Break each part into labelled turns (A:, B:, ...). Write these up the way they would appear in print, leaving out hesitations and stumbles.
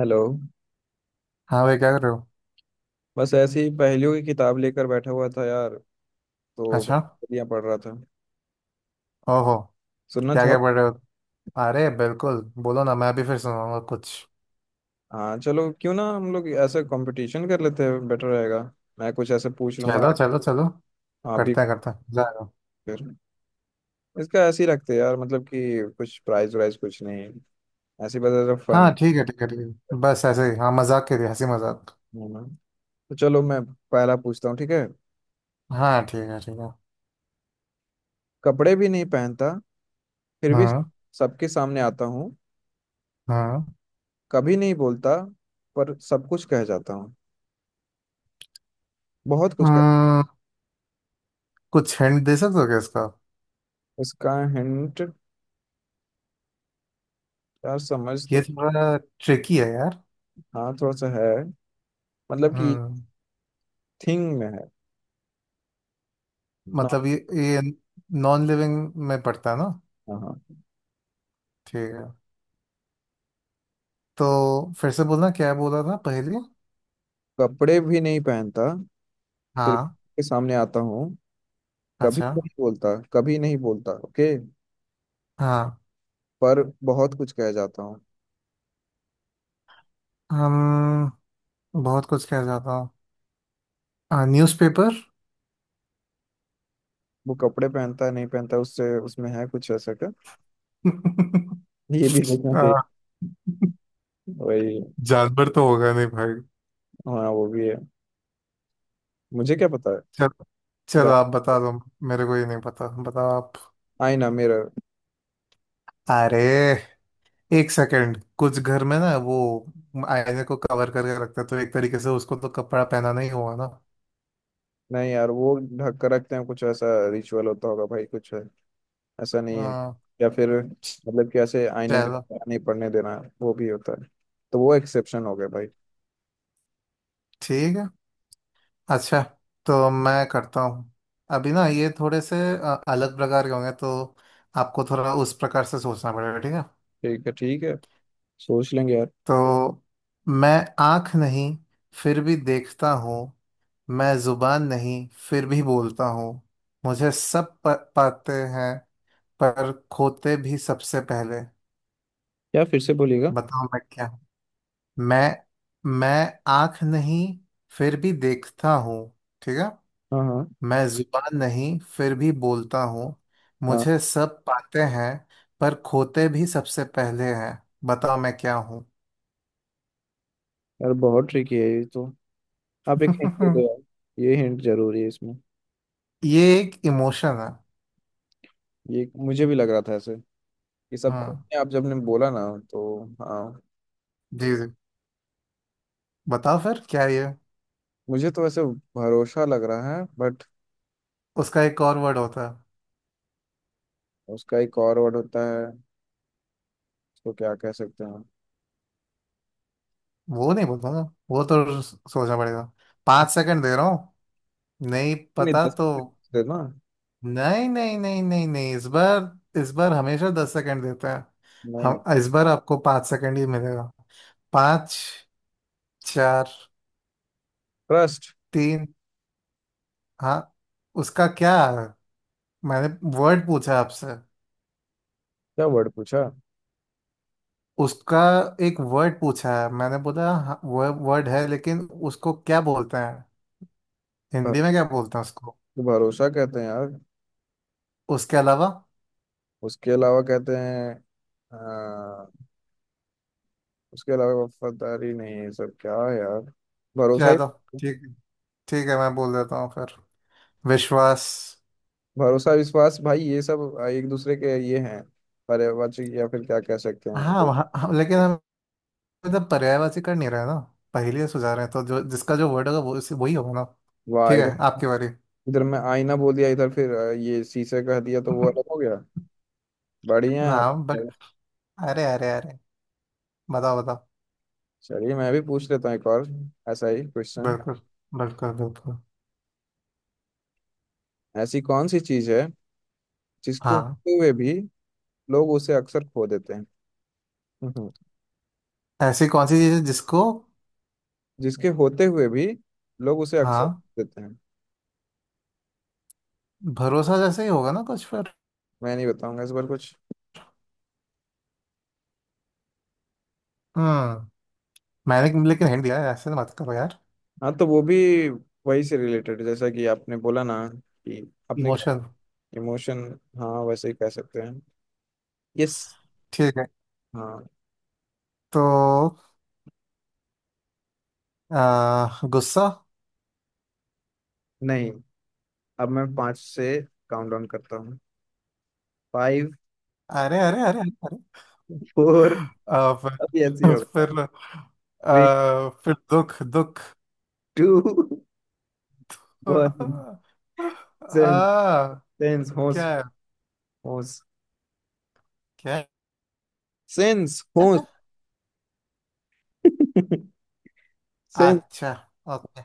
A: Hello.
B: हाँ भाई, क्या कर रहे हो?
A: बस ऐसे ही पहेलियों की किताब लेकर बैठा हुआ था यार। तो
B: अच्छा।
A: पहेलियाँ पढ़ रहा था।
B: ओहो।
A: सुनना
B: क्या क्या
A: चाहो?
B: पढ़ रहे हो? अरे बिल्कुल, बोलो ना, मैं अभी फिर सुनाऊंगा कुछ।
A: हाँ चलो, क्यों ना हम लोग ऐसे कंपटीशन कर लेते हैं, बेटर रहेगा। मैं कुछ ऐसे पूछ लूंगा,
B: चलो चलो चलो।
A: आप भी।
B: करते हैं करते हैं, मजा आएगा।
A: फिर इसका ऐसे ही रखते हैं यार, मतलब कि कुछ प्राइज वाइज कुछ नहीं, ऐसे ही बस फन।
B: हाँ ठीक है ठीक है ठीक है, बस ऐसे ही, हाँ, मजाक के लिए, हंसी मजाक।
A: तो चलो मैं पहला पूछता हूँ, ठीक है?
B: हाँ ठीक है ठीक है।
A: कपड़े भी नहीं पहनता, फिर भी
B: हाँ
A: सबके सामने आता हूँ।
B: हाँ।
A: कभी नहीं बोलता पर सब कुछ कह जाता हूँ। बहुत कुछ कह।
B: हम्म, कुछ हिंट दे सकते हो क्या इसका?
A: इसका हिंट यार, समझ तो।
B: ये थोड़ा ट्रिकी है यार।
A: हाँ थोड़ा सा है। मतलब कि
B: हम्म
A: थिंग में है ना।
B: मतलब ये नॉन लिविंग में पड़ता है ना?
A: हाँ हाँ।
B: ठीक है। तो फिर से बोलना, क्या बोला था पहले?
A: कपड़े भी नहीं पहनता, फिर
B: हाँ।
A: के सामने आता हूँ। कभी
B: अच्छा।
A: नहीं बोलता, कभी नहीं बोलता। ओके।
B: हाँ।
A: पर बहुत कुछ कह जाता हूँ।
B: हम बहुत कुछ कह जाता हूँ, न्यूज़पेपर।
A: वो कपड़े पहनता है नहीं पहनता, उससे उसमें है कुछ ऐसा क्या? ये भी देखना
B: आ,
A: चाहिए। वही।
B: जानवर तो होगा नहीं भाई।
A: हाँ वो भी है। मुझे क्या पता है।
B: चलो।
A: जा।
B: चलो आप बता दो, मेरे को ये नहीं पता, बताओ आप।
A: आईना, मिरर।
B: अरे, एक सेकंड, कुछ घर में ना वो आईने को कवर करके रखते हैं, तो एक तरीके से उसको तो कपड़ा पहनाना ही हुआ ना।
A: नहीं यार, वो ढक कर रखते हैं, कुछ ऐसा रिचुअल होता होगा भाई, कुछ है। ऐसा नहीं है।
B: हाँ।
A: या फिर मतलब कि ऐसे आईने पे
B: चलो।
A: नहीं पड़ने देना, वो भी होता है। तो वो एक्सेप्शन हो गया भाई।
B: ठीक है। अच्छा, तो मैं करता हूँ। अभी ना ये थोड़े से अलग प्रकार के होंगे, तो आपको थोड़ा उस प्रकार से सोचना पड़ेगा, ठीक है?
A: ठीक है, ठीक है, सोच लेंगे यार।
B: तो मैं आंख नहीं, फिर भी देखता हूँ। मैं जुबान नहीं, फिर भी बोलता हूँ। मुझे सब पाते हैं, पर खोते भी सबसे पहले।
A: यार फिर से बोलिएगा।
B: बताओ मैं क्या हूँ? मैं आंख नहीं, फिर भी देखता हूँ, ठीक है?
A: हाँ हाँ
B: मैं जुबान नहीं, फिर भी बोलता हूँ।
A: हाँ।
B: मुझे सब पाते हैं, पर खोते भी सबसे पहले हैं। बताओ मैं क्या हूँ?
A: यार बहुत ट्रिकी है ये तो। आप एक हिंट दे दो यार, ये हिंट जरूरी है इसमें।
B: ये एक इमोशन है।
A: ये मुझे भी लग रहा था ऐसे, ये सब खुद
B: हाँ।
A: ने आप जब ने बोला ना। तो हाँ।
B: जी जी, बताओ फिर क्या है ये।
A: मुझे तो ऐसे भरोसा लग रहा है, बट
B: उसका एक और वर्ड होता है।
A: उसका एक और वर्ड होता है, उसको क्या कह सकते हैं?
B: वो नहीं बोलूंगा, वो तो सोचना पड़ेगा। 5 सेकंड दे रहा हूँ, नहीं
A: नहीं,
B: पता
A: दस
B: तो।
A: मिनट दे ना
B: नहीं नहीं नहीं नहीं नहीं, इस बार, इस बार हमेशा 10 सेकंड देता है।
A: नहीं नहीं।
B: हम इस बार आपको 5 सेकंड ही मिलेगा। पाँच, चार,
A: ट्रस्ट।
B: तीन। हाँ, उसका क्या है, मैंने वर्ड पूछा आपसे।
A: क्या वर्ड पूछा?
B: उसका एक वर्ड पूछा है मैंने, बोला हाँ, वो वर्ड है लेकिन उसको क्या बोलते हैं,
A: भर-
B: हिंदी में क्या बोलते हैं उसको,
A: भरोसा कहते हैं यार।
B: उसके अलावा।
A: उसके अलावा कहते हैं अ, उसके अलावा वफादारी नहीं है, सब क्या है यार, भरोसा ही।
B: चलो। ठीक ठीक है, मैं बोल देता हूँ फिर। विश्वास।
A: भरोसा विश्वास, भाई ये सब एक दूसरे के ये हैं, पर्यायवाची, या फिर क्या कह सकते
B: हाँ
A: हैं।
B: हाँ, लेकिन हम मतलब पर्यायवाची कर नहीं रहे ना, पहेलियाँ सुझा रहे हैं, तो जो जिसका जो वर्ड होगा वो वही होगा ना।
A: वाह।
B: ठीक
A: इधर
B: है, आपकी बारी।
A: इधर मैं आईना बोल दिया, इधर फिर ये शीशे कह दिया तो वो अलग हो गया। बढ़िया है
B: ना
A: आप।
B: बट, अरे अरे अरे, बताओ बताओ।
A: चलिए मैं भी पूछ लेता हूँ एक और ऐसा ही क्वेश्चन।
B: बिल्कुल बिल्कुल बिल्कुल।
A: ऐसी कौन सी चीज है जिसको
B: हाँ,
A: होते हुए भी लोग उसे अक्सर खो देते हैं?
B: ऐसी कौन सी चीज है जिसको।
A: जिसके होते हुए भी लोग उसे अक्सर
B: हाँ,
A: देते हैं।
B: भरोसा जैसे ही होगा ना कुछ फिर।
A: मैं नहीं बताऊंगा इस बार कुछ।
B: हम्म मैंने लेकिन हिंट दिया है, ऐसे मत करो यार।
A: हाँ तो वो भी वही से रिलेटेड, जैसा कि आपने बोला ना कि अपने क्या,
B: इमोशन।
A: इमोशन। हाँ वैसे ही कह सकते हैं। यस।
B: ठीक है।
A: हाँ।
B: तो गुस्सा।
A: नहीं, अब मैं पाँच से काउंट डाउन करता हूँ। फाइव।
B: अरे अरे अरे अरे।
A: फोर। अब ऐसे ही
B: फिर
A: होगा।
B: फिर
A: थ्री।
B: फिर, दुख दुख।
A: टू। वन।
B: आ,
A: सेंस। सेंस होश।
B: क्या है?
A: होश।
B: क्या है?
A: सेंस होश। सेंस।
B: अच्छा। ओके।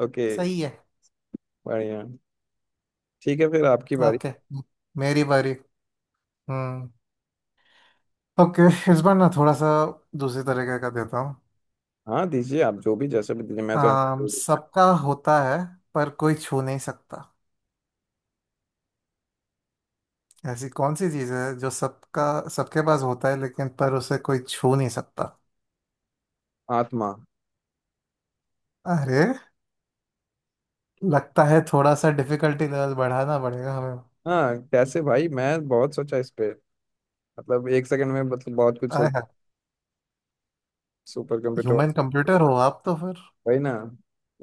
A: ओके।
B: सही है।
A: बढ़िया। ठीक है, फिर आपकी बारी।
B: ओके, मेरी बारी। हम्म। ओके, इस बार ना थोड़ा सा दूसरे तरीके का देता हूँ।
A: हाँ दीजिए आप, जो भी जैसे भी दीजिए मैं तो।
B: सबका होता है, पर कोई छू नहीं सकता। ऐसी कौन सी चीज है जो सबका, सबके पास होता है लेकिन पर उसे कोई छू नहीं सकता?
A: आत्मा।
B: अरे, लगता है थोड़ा सा डिफिकल्टी लेवल बढ़ाना पड़ेगा हमें।
A: हाँ कैसे भाई, मैं बहुत सोचा इस पे, मतलब 1 सेकंड में मतलब बहुत कुछ
B: अरे
A: सोच।
B: हाँ।
A: Super computer.
B: ह्यूमन कंप्यूटर हो आप तो फिर।
A: वही ना,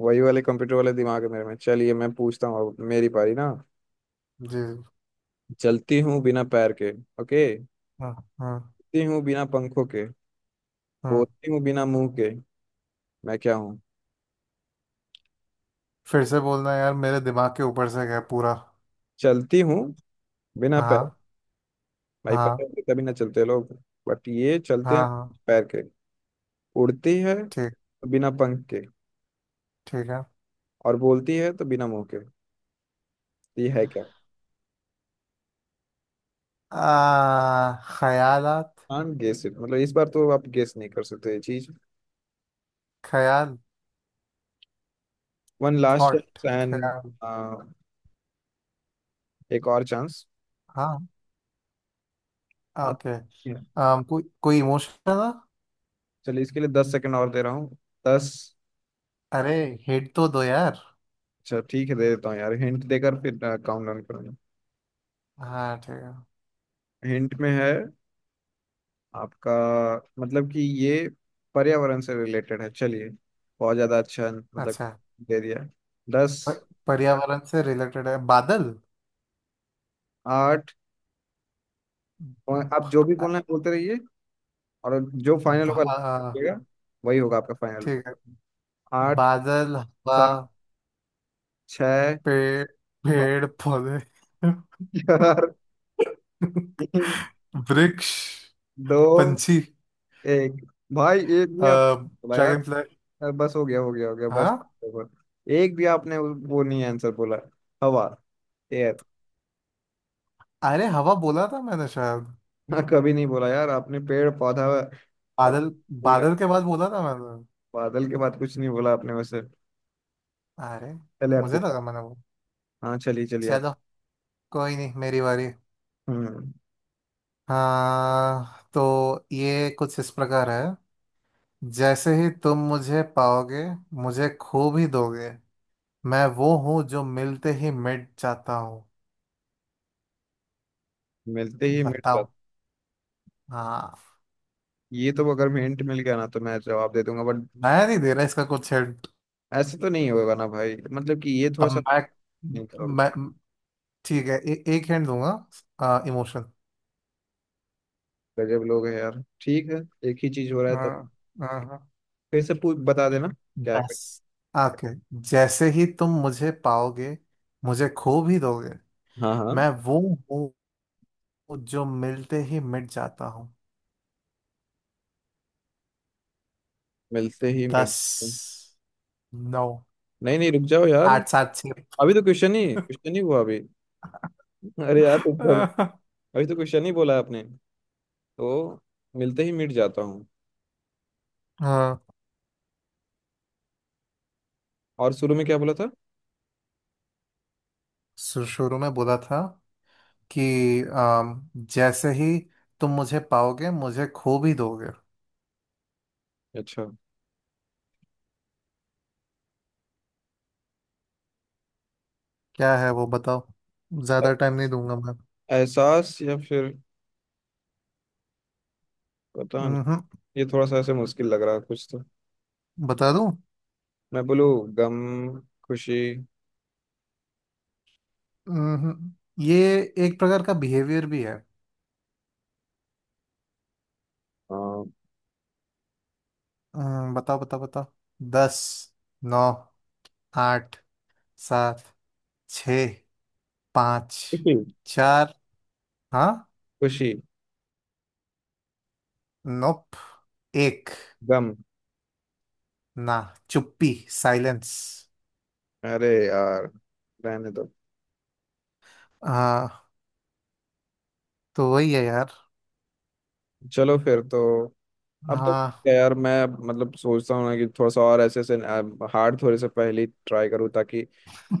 A: वही वाले कंप्यूटर वाले दिमाग है मेरे में। चलिए मैं पूछता हूँ अब, मेरी पारी ना।
B: जी।
A: चलती हूँ बिना पैर के। ओके।
B: हाँ हाँ
A: उड़ती हूँ बिना पंखों के।
B: हाँ।
A: बोलती हूँ बिना मुंह के। मैं क्या हूँ?
B: फिर से बोलना यार, मेरे दिमाग के ऊपर से गया पूरा।
A: चलती हूँ बिना पैर।
B: हाँ
A: भाई पैर
B: हाँ
A: के तभी ना चलते लोग, बट ये चलते हैं
B: हाँ हाँ।
A: पैर के। उड़ती है तो
B: ठीक
A: बिना पंख के,
B: ठीक है।
A: और बोलती है तो बिना मुंह के। तो ये है क्या?
B: आ ख्यालात।
A: कांट गेस इट, मतलब इस बार तो आप गेस नहीं कर सकते ये चीज।
B: ख्याल।
A: One last
B: thought,
A: chance and.
B: ख्याल।
A: एक और चांस।
B: हाँ।
A: हाँ।
B: ओके।
A: yeah।
B: कोई कोई इमोशन ना?
A: चलिए इसके लिए 10 सेकंड और दे रहा हूँ। दस।
B: अरे, हिट तो दो यार।
A: अच्छा ठीक है, दे देता हूँ यार हिंट देकर, फिर काउंट डाउन करूंगा।
B: हाँ ठीक है।
A: हिंट में है आपका, मतलब कि ये पर्यावरण से रिलेटेड है। चलिए, बहुत ज्यादा अच्छा मतलब
B: अच्छा।
A: दे दिया। दस।
B: प- पर्यावरण से रिलेटेड है, बादल?
A: आठ, और आप जो भी बोलना है बोलते रहिए, और जो फाइनल होगा बोलिएगा, वही होगा आपका फाइनल।
B: ठीक है।
A: आठ।
B: बादल, हवा,
A: सात। छ।
B: पेड़,
A: पाँच।
B: पेड़ पौधे,
A: चार। तीन।
B: वृक्ष,
A: दो।
B: पंछी,
A: एक। भाई एक भी आप बोला यार।
B: Dragon fly.
A: यार बस, हो गया हो गया हो गया, बस।
B: हाँ।
A: बस। एक भी आपने वो नहीं आंसर बोला। हवा, एयर।
B: अरे, हवा बोला था मैंने शायद।
A: हाँ कभी नहीं बोला यार आपने, पेड़ पौधा और
B: बादल,
A: फूल।
B: बादल के बाद बोला था मैंने।
A: बादल के बाद कुछ नहीं बोला आपने वैसे।
B: अरे,
A: चले आपके
B: मुझे
A: पास।
B: लगा मैंने वो।
A: हाँ चलिए चलिए आप।
B: चलो, कोई नहीं, मेरी बारी।
A: हम्म।
B: हाँ, तो ये कुछ इस प्रकार है। जैसे ही तुम मुझे पाओगे, मुझे खो भी दोगे। मैं वो हूँ जो मिलते ही मिट जाता हूँ।
A: मिलते ही मिल
B: बताओ।
A: जाते।
B: हाँ।
A: ये तो अगर मैं हिंट मिल गया ना तो मैं जवाब दे दूंगा, बट
B: मैं नहीं दे रहा इसका कुछ हिंट।
A: ऐसे तो नहीं होगा ना भाई, मतलब कि ये थोड़ा
B: अब
A: सा
B: मैं
A: नहीं होगा।
B: मैं ठीक है, एक हिंट दूंगा, इमोशन।
A: गजब लोग है यार, ठीक है। एक ही चीज हो रहा है
B: हाँ
A: तब।
B: हाँ हाँ।
A: फिर से पूछ, बता देना क्या है।
B: बस ओके, जैसे ही तुम मुझे पाओगे, मुझे खो भी दोगे।
A: हाँ हाँ।
B: मैं वो हूँ जो मिलते ही मिट जाता हूँ।
A: मिलते ही मिड।
B: दस, नौ,
A: नहीं नहीं, रुक जाओ यार,
B: आठ, सात, छः।
A: अभी तो क्वेश्चन ही हुआ अभी। अरे यार ऊपर।
B: हाँ
A: अभी तो क्वेश्चन ही बोला आपने। तो मिलते ही मिट जाता हूँ,
B: हाँ।
A: और शुरू में क्या बोला था?
B: शुरू में बोला था कि जैसे ही तुम मुझे पाओगे, मुझे खो भी दोगे।
A: अच्छा।
B: क्या है वो बताओ, ज्यादा टाइम नहीं दूंगा मैं।
A: एहसास, या फिर पता नहीं।
B: हम्म
A: ये थोड़ा सा ऐसे मुश्किल लग रहा है कुछ तो।
B: बता दूं?
A: मैं बोलूँ। गम। खुशी।
B: हम्म ये एक प्रकार का बिहेवियर भी है।
A: खुशी।
B: बताओ बताओ बताओ। दस, नौ, आठ, सात, छ, पाँच, चार। हाँ।
A: खुशी।
B: नोप। एक।
A: गम।
B: ना, चुप्पी, साइलेंस।
A: अरे यार रहने दो।
B: हाँ, तो वही है यार।
A: चलो फिर तो, अब तो।
B: हाँ।
A: यार मैं मतलब सोचता हूँ ना कि थोड़ा सा और ऐसे ऐसे हार्ड थोड़े से पहले ट्राई करूँ, ताकि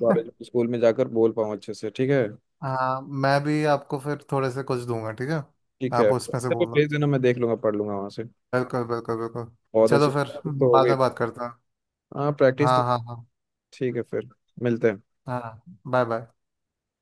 A: कॉलेज स्कूल में जाकर बोल पाऊँ अच्छे से, ठीक है?
B: हाँ, मैं भी आपको फिर थोड़े से कुछ दूंगा, ठीक है?
A: ठीक है।
B: आप
A: अच्छा,
B: उसमें से
A: तो
B: बोलना।
A: भेज देना, मैं देख लूंगा, पढ़ लूंगा वहाँ से।
B: बिल्कुल बिल्कुल बिल्कुल।
A: बहुत अच्छी
B: चलो फिर
A: प्रैक्टिस तो हो
B: बाद
A: गई।
B: में बात करता हूँ।
A: हाँ, प्रैक्टिस तो।
B: हाँ हाँ हाँ
A: ठीक है फिर, मिलते हैं।
B: हाँ। Bye bye.